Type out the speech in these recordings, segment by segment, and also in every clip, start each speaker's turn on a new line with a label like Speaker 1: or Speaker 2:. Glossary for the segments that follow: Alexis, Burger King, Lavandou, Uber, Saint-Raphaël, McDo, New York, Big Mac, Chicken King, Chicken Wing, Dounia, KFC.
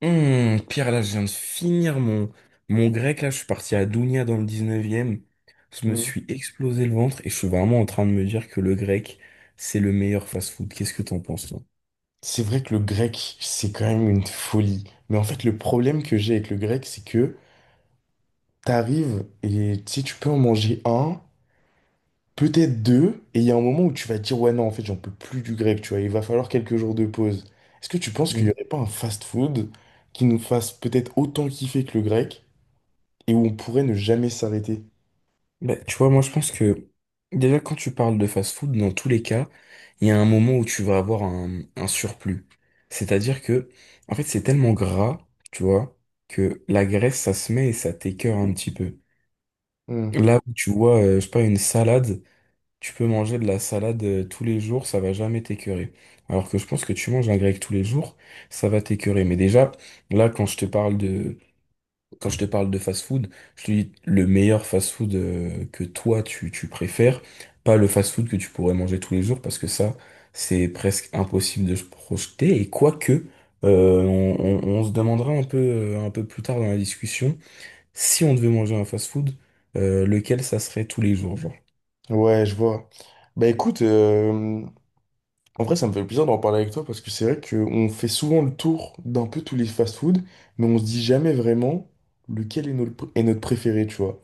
Speaker 1: Hmm, Pierre, là, je viens de finir mon grec. Là, je suis parti à Dounia dans le 19e. Je me
Speaker 2: Mm.
Speaker 1: suis explosé le ventre et je suis vraiment en train de me dire que le grec, c'est le meilleur fast-food. Qu'est-ce que t'en penses, toi?
Speaker 2: C'est vrai que le grec, c'est quand même une folie. Mais en fait, le problème que j'ai avec le grec, c'est que t'arrives et si tu peux en manger un, peut-être deux, et il y a un moment où tu vas dire, ouais, non, en fait, j'en peux plus du grec, tu vois, il va falloir quelques jours de pause. Est-ce que tu penses qu'il
Speaker 1: Mm.
Speaker 2: n'y aurait pas un fast-food qui nous fasse peut-être autant kiffer que le grec, et où on pourrait ne jamais s'arrêter?
Speaker 1: Bah, tu vois, moi, je pense que déjà, quand tu parles de fast-food, dans tous les cas, il y a un moment où tu vas avoir un surplus. C'est-à-dire que, en fait, c'est tellement gras, tu vois, que la graisse, ça se met et ça t'écœure un petit peu.
Speaker 2: Hmm.
Speaker 1: Là où tu vois, je sais pas, une salade. Tu peux manger de la salade tous les jours, ça va jamais t'écœurer. Alors que je pense que tu manges un grec tous les jours, ça va t'écœurer. Mais déjà, là, quand je te parle de fast-food, je te dis le meilleur fast-food que tu préfères, pas le fast-food que tu pourrais manger tous les jours, parce que ça, c'est presque impossible de se projeter. Et quoique, on se demandera un peu plus tard dans la discussion, si on devait manger un fast-food, lequel ça serait tous les jours, genre.
Speaker 2: Ouais, je vois. Bah écoute, en vrai, ça me fait plaisir d'en parler avec toi, parce que c'est vrai qu'on fait souvent le tour d'un peu tous les fast-food, mais on se dit jamais vraiment lequel est notre préféré, tu vois.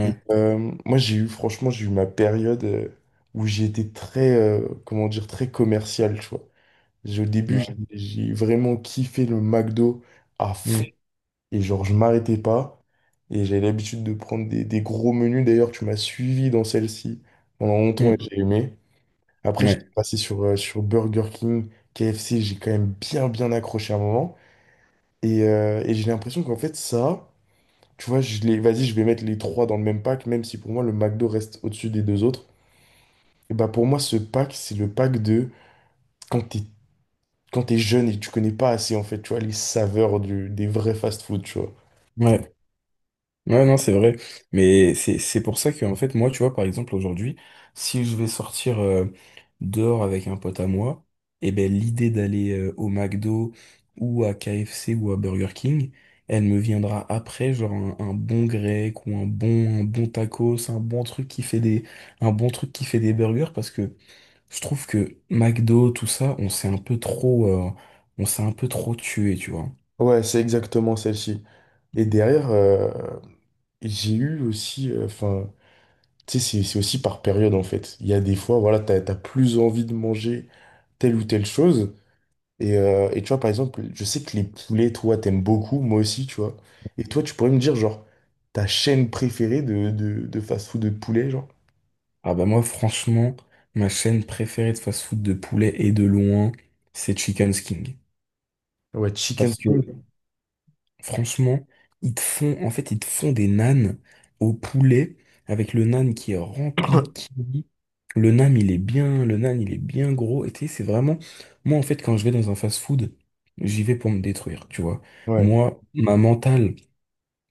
Speaker 2: Et moi, j'ai eu, franchement, j'ai eu ma période où j'ai été très, comment dire, très commercial, tu vois. Au début, j'ai
Speaker 1: ouais.
Speaker 2: j'ai vraiment kiffé le McDo à fond. Et genre, je m'arrêtais pas. Et j'avais l'habitude de prendre des gros menus. D'ailleurs, tu m'as suivi dans celle-ci pendant longtemps et
Speaker 1: Mm.
Speaker 2: j'ai aimé. Après, j'étais
Speaker 1: Ouais,
Speaker 2: passé sur, sur Burger King, KFC. J'ai quand même bien, bien accroché à un moment. Et j'ai l'impression qu'en fait, ça. Tu vois, je les... vas-y, je vais mettre les trois dans le même pack, même si pour moi le McDo reste au-dessus des deux autres. Et bah pour moi, ce pack, c'est le pack de quand t'es quand t'es jeune et tu connais pas assez, en fait, tu vois, les saveurs du... des vrais fast-food, tu vois.
Speaker 1: ouais, ouais, non, c'est vrai. Mais c'est pour ça que, en fait, moi, tu vois, par exemple, aujourd'hui, si je vais sortir dehors avec un pote à moi, eh ben, l'idée d'aller au McDo ou à KFC ou à Burger King, elle me viendra après, genre un bon grec ou un bon tacos, un bon truc qui fait des burgers, parce que je trouve que McDo, tout ça, on s'est un peu trop tué, tu vois.
Speaker 2: Ouais, c'est exactement celle-ci. Et derrière, j'ai eu aussi, enfin, tu sais, c'est aussi par période, en fait. Il y a des fois, voilà, t'as plus envie de manger telle ou telle chose. Et tu vois, par exemple, je sais que les poulets, toi, t'aimes beaucoup, moi aussi, tu vois. Et toi, tu pourrais me dire, genre, ta chaîne préférée de fast-food de poulet, genre?
Speaker 1: Ah bah moi franchement, ma chaîne préférée de fast-food de poulet et de loin, c'est Chicken King.
Speaker 2: Ouais, Chicken
Speaker 1: Parce que
Speaker 2: Wing.
Speaker 1: franchement, ils te font des nanes au poulet avec le nan qui est rempli de kiwi. Le nan, il est bien gros. Et tu sais, c'est vraiment, moi en fait, quand je vais dans un fast-food, j'y vais pour me détruire, tu vois.
Speaker 2: Ouais.
Speaker 1: Moi, ma mentale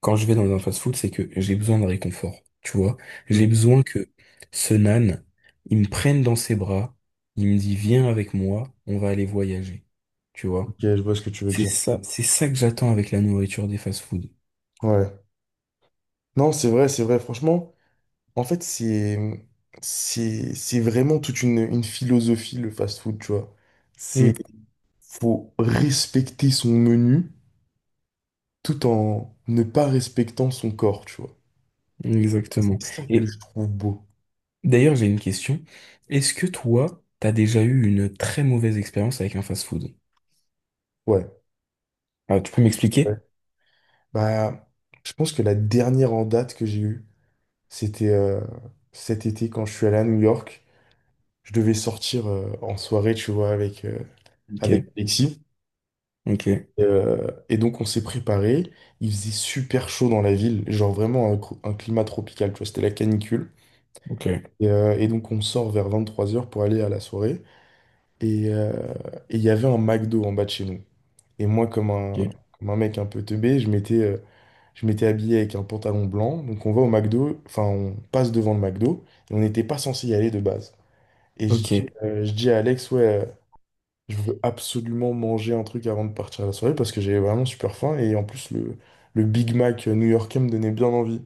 Speaker 1: quand je vais dans un fast-food, c'est que j'ai besoin de réconfort, tu vois. J'ai
Speaker 2: Hmm.
Speaker 1: besoin que ce nan, il me prenne dans ses bras, il me dit, viens avec moi, on va aller voyager, tu
Speaker 2: Ok,
Speaker 1: vois.
Speaker 2: je vois ce que tu veux dire.
Speaker 1: C'est ça que j'attends avec la nourriture des fast-food.
Speaker 2: Ouais. Non, c'est vrai, c'est vrai. Franchement, en fait, c'est vraiment une philosophie, le fast-food, tu vois. C'est,
Speaker 1: Mm,
Speaker 2: faut respecter son menu tout en ne pas respectant son corps, tu vois. Et
Speaker 1: exactement.
Speaker 2: c'est ça que
Speaker 1: Et
Speaker 2: je trouve beau.
Speaker 1: d'ailleurs, j'ai une question. Est-ce que toi, t'as déjà eu une très mauvaise expérience avec un fast-food?
Speaker 2: Ouais.
Speaker 1: Ah, tu peux m'expliquer?
Speaker 2: Bah, je pense que la dernière en date que j'ai eue, c'était cet été quand je suis allé à New York. Je devais sortir en soirée, tu vois, avec,
Speaker 1: Ok,
Speaker 2: avec Alexis.
Speaker 1: ok,
Speaker 2: Et donc, on s'est préparé. Il faisait super chaud dans la ville, genre vraiment un, un climat tropical, tu vois, c'était la canicule.
Speaker 1: ok,
Speaker 2: Et donc, on sort vers 23h pour aller à la soirée. Et euh, et il y avait un McDo en bas de chez nous. Et moi, comme un mec un peu teubé, je m'étais habillé avec un pantalon blanc. Donc on va au McDo, enfin on passe devant le McDo, et on n'était pas censé y aller de base. Et
Speaker 1: ok, ok,
Speaker 2: je dis à Alex, ouais, je veux absolument manger un truc avant de partir à la soirée parce que j'avais vraiment super faim. Et en plus, le Big Mac new-yorkais me donnait bien envie.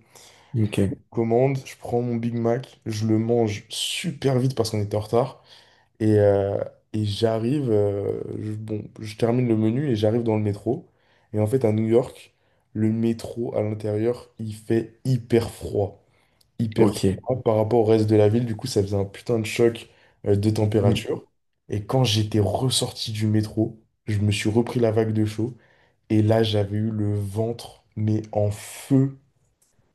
Speaker 1: ok,
Speaker 2: Commande, je prends mon Big Mac, je le mange super vite parce qu'on était en retard. Et, euh, et j'arrive, bon, je termine le menu et j'arrive dans le métro. Et en fait, à New York, le métro à l'intérieur, il fait hyper froid. Hyper
Speaker 1: ok.
Speaker 2: froid par rapport au reste de la ville. Du coup, ça faisait un putain de choc, de température. Et quand j'étais ressorti du métro, je me suis repris la vague de chaud. Et là, j'avais eu le ventre, mais en feu.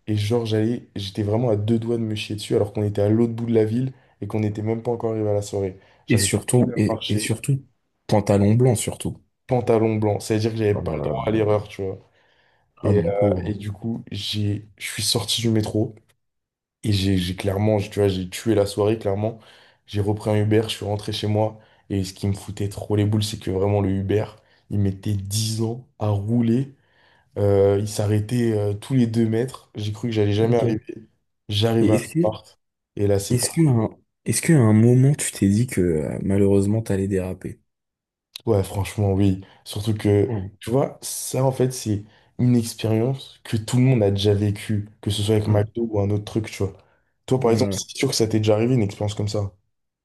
Speaker 2: Et genre, j'étais vraiment à deux doigts de me chier dessus alors qu'on était à l'autre bout de la ville et qu'on n'était même pas encore arrivé à la soirée. J'arrivais plus à
Speaker 1: Et
Speaker 2: marcher,
Speaker 1: surtout, pantalon blanc, surtout.
Speaker 2: pantalon blanc. Ça veut dire que j'avais
Speaker 1: Oh
Speaker 2: pas
Speaker 1: là
Speaker 2: le droit à
Speaker 1: là.
Speaker 2: l'erreur, tu vois.
Speaker 1: Ah, mon
Speaker 2: Et
Speaker 1: pauvre.
Speaker 2: du coup, je suis sorti du métro et j'ai clairement, tu vois, j'ai tué la soirée, clairement. J'ai repris un Uber, je suis rentré chez moi. Et ce qui me foutait trop les boules, c'est que vraiment le Uber, il mettait 10 ans à rouler. Ils s'arrêtaient tous les 2 mètres. J'ai cru que j'allais jamais
Speaker 1: Ok.
Speaker 2: arriver. J'arrive à
Speaker 1: Et est-ce
Speaker 2: la
Speaker 1: que,
Speaker 2: porte. Et là, c'est
Speaker 1: est-ce que,
Speaker 2: parti.
Speaker 1: un- est-ce qu'à un moment, tu t'es dit que malheureusement, t'allais déraper?
Speaker 2: Ouais, franchement, oui. Surtout que,
Speaker 1: Ouais.
Speaker 2: tu vois, ça, en fait, c'est une expérience que tout le monde a déjà vécue, que ce soit avec
Speaker 1: Ouais.
Speaker 2: McDo ou un autre truc, tu vois. Toi, par exemple,
Speaker 1: Ouais.
Speaker 2: c'est sûr que ça t'est déjà arrivé, une expérience comme ça.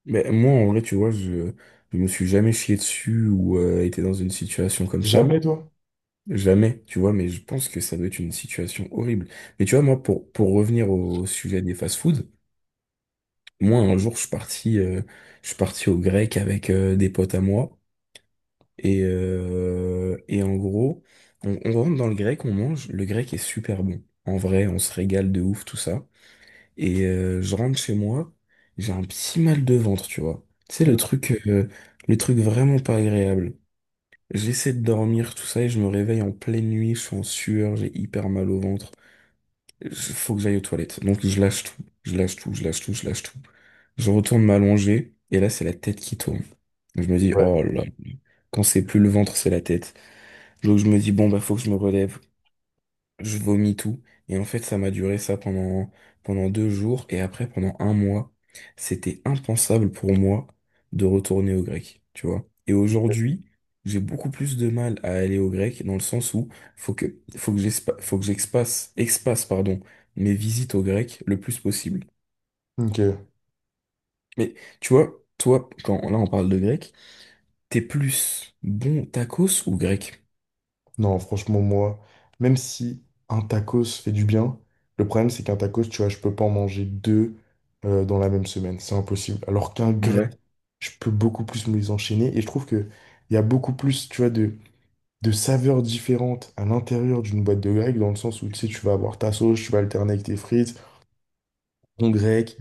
Speaker 1: Mais moi, en vrai, tu vois, je me suis jamais chié dessus ou été dans une situation comme
Speaker 2: Jamais,
Speaker 1: ça.
Speaker 2: toi?
Speaker 1: Jamais, tu vois, mais je pense que ça doit être une situation horrible. Mais tu vois, moi, pour revenir au sujet des fast-foods, moi, un jour, je suis parti au grec avec des potes à moi. Et en gros, on rentre dans le grec, on mange. Le grec est super bon. En vrai, on se régale de ouf, tout ça. Et je rentre chez moi, j'ai un petit mal de ventre, tu vois. Tu sais,
Speaker 2: Mm.
Speaker 1: le truc vraiment pas agréable. J'essaie de dormir, tout ça, et je me réveille en pleine nuit, je suis en sueur, j'ai hyper mal au ventre. Faut que j'aille aux toilettes. Donc je lâche tout, je lâche tout, je lâche tout, je lâche tout. Je retourne m'allonger, et là, c'est la tête qui tourne. Je me dis, oh
Speaker 2: Ouais.
Speaker 1: là, quand c'est plus le ventre, c'est la tête. Donc je me dis, bon, bah faut que je me relève. Je vomis tout. Et en fait, ça m'a duré ça pendant, pendant deux jours. Et après, pendant un mois, c'était impensable pour moi de retourner au grec, tu vois. Et aujourd'hui, j'ai beaucoup plus de mal à aller au grec dans le sens où faut que expasse, pardon, mes visites au grec le plus possible.
Speaker 2: Ok.
Speaker 1: Mais tu vois, toi, quand là on parle de grec, t'es plus bon tacos ou grec?
Speaker 2: Non, franchement, moi, même si un tacos fait du bien, le problème, c'est qu'un tacos, tu vois, je peux pas en manger deux dans la même semaine. C'est impossible. Alors qu'un
Speaker 1: Ah
Speaker 2: grec
Speaker 1: ouais.
Speaker 2: je peux beaucoup plus me les enchaîner. Et je trouve que il y a beaucoup plus, tu vois, de saveurs différentes à l'intérieur d'une boîte de grec, dans le sens où, tu sais, tu vas avoir ta sauce, tu vas alterner avec tes frites, ton grec.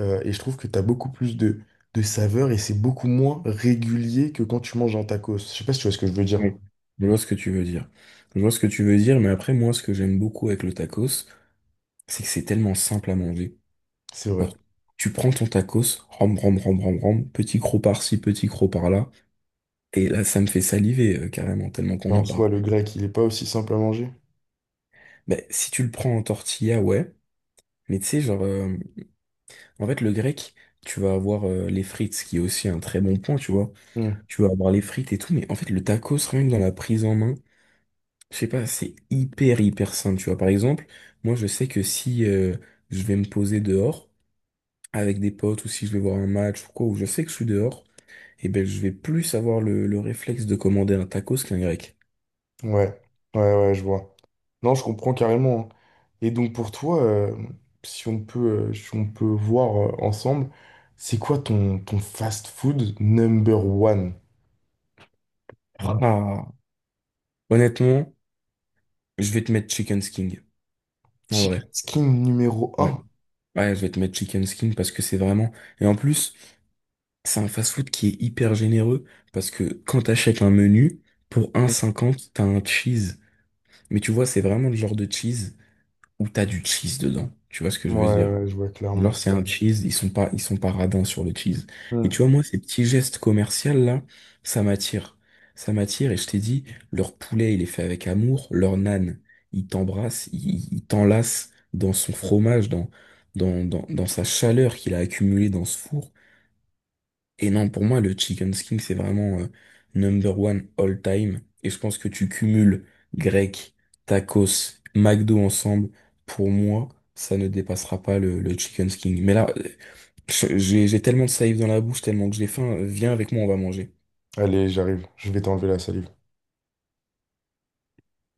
Speaker 2: Et je trouve que tu as beaucoup plus de saveurs et c'est beaucoup moins régulier que quand tu manges un tacos. Je sais pas si tu vois ce que je veux dire.
Speaker 1: Oui, je vois ce que tu veux dire. Je vois ce que tu veux dire, mais après, moi, ce que j'aime beaucoup avec le tacos, c'est que c'est tellement simple à manger.
Speaker 2: C'est vrai.
Speaker 1: Tu prends ton tacos, ram, ram, ram, ram, ram, petit croc par-ci, petit croc par-là, et là, ça me fait saliver, carrément, tellement qu'on en
Speaker 2: En
Speaker 1: parle.
Speaker 2: soi, le grec, il est pas aussi simple à manger.
Speaker 1: Ben, si tu le prends en tortilla, ouais, mais tu sais, le grec, tu vas avoir les frites, ce qui est aussi un très bon point, tu vois.
Speaker 2: Hmm.
Speaker 1: Tu vas avoir les frites et tout, mais en fait, le tacos, rien que dans la prise en main, je sais pas, c'est hyper hyper sain, tu vois. Par exemple, moi je sais que si je vais me poser dehors avec des potes ou si je vais voir un match ou quoi, où je sais que je suis dehors, et ben je vais plus avoir le réflexe de commander un tacos qu'un grec.
Speaker 2: Ouais. Ouais, je vois. Non, je comprends carrément, hein. Et donc pour toi, si on peut, si on peut voir ensemble, c'est quoi ton fast food number one?
Speaker 1: Ah. Honnêtement, je vais te mettre chicken skin, en vrai.
Speaker 2: Chicken skin numéro
Speaker 1: Ouais.
Speaker 2: un?
Speaker 1: Ouais, je vais te mettre chicken skin parce que c'est vraiment... Et en plus, c'est un fast-food qui est hyper généreux parce que quand t'achètes un menu, pour 1,50 t'as un cheese. Mais tu vois, c'est vraiment le genre de cheese où t'as du cheese dedans. Tu vois ce que je veux dire?
Speaker 2: Ouais, je vois
Speaker 1: Genre,
Speaker 2: clairement.
Speaker 1: c'est un cheese, ils sont pas radins sur le cheese. Et tu
Speaker 2: Hmm.
Speaker 1: vois, moi, ces petits gestes commerciaux là, ça m'attire. Ça m'attire et je t'ai dit, leur poulet, il est fait avec amour, leur nan il t'embrasse, il t'enlace dans son fromage, dans sa chaleur qu'il a accumulée dans ce four. Et non, pour moi, le chicken skin, c'est vraiment number one all time. Et je pense que tu cumules grec, tacos, McDo ensemble. Pour moi, ça ne dépassera pas le chicken skin. Mais là, j'ai tellement de salive dans la bouche, tellement que j'ai faim. Viens avec moi, on va manger.
Speaker 2: Allez, j'arrive. Je vais t'enlever la salive.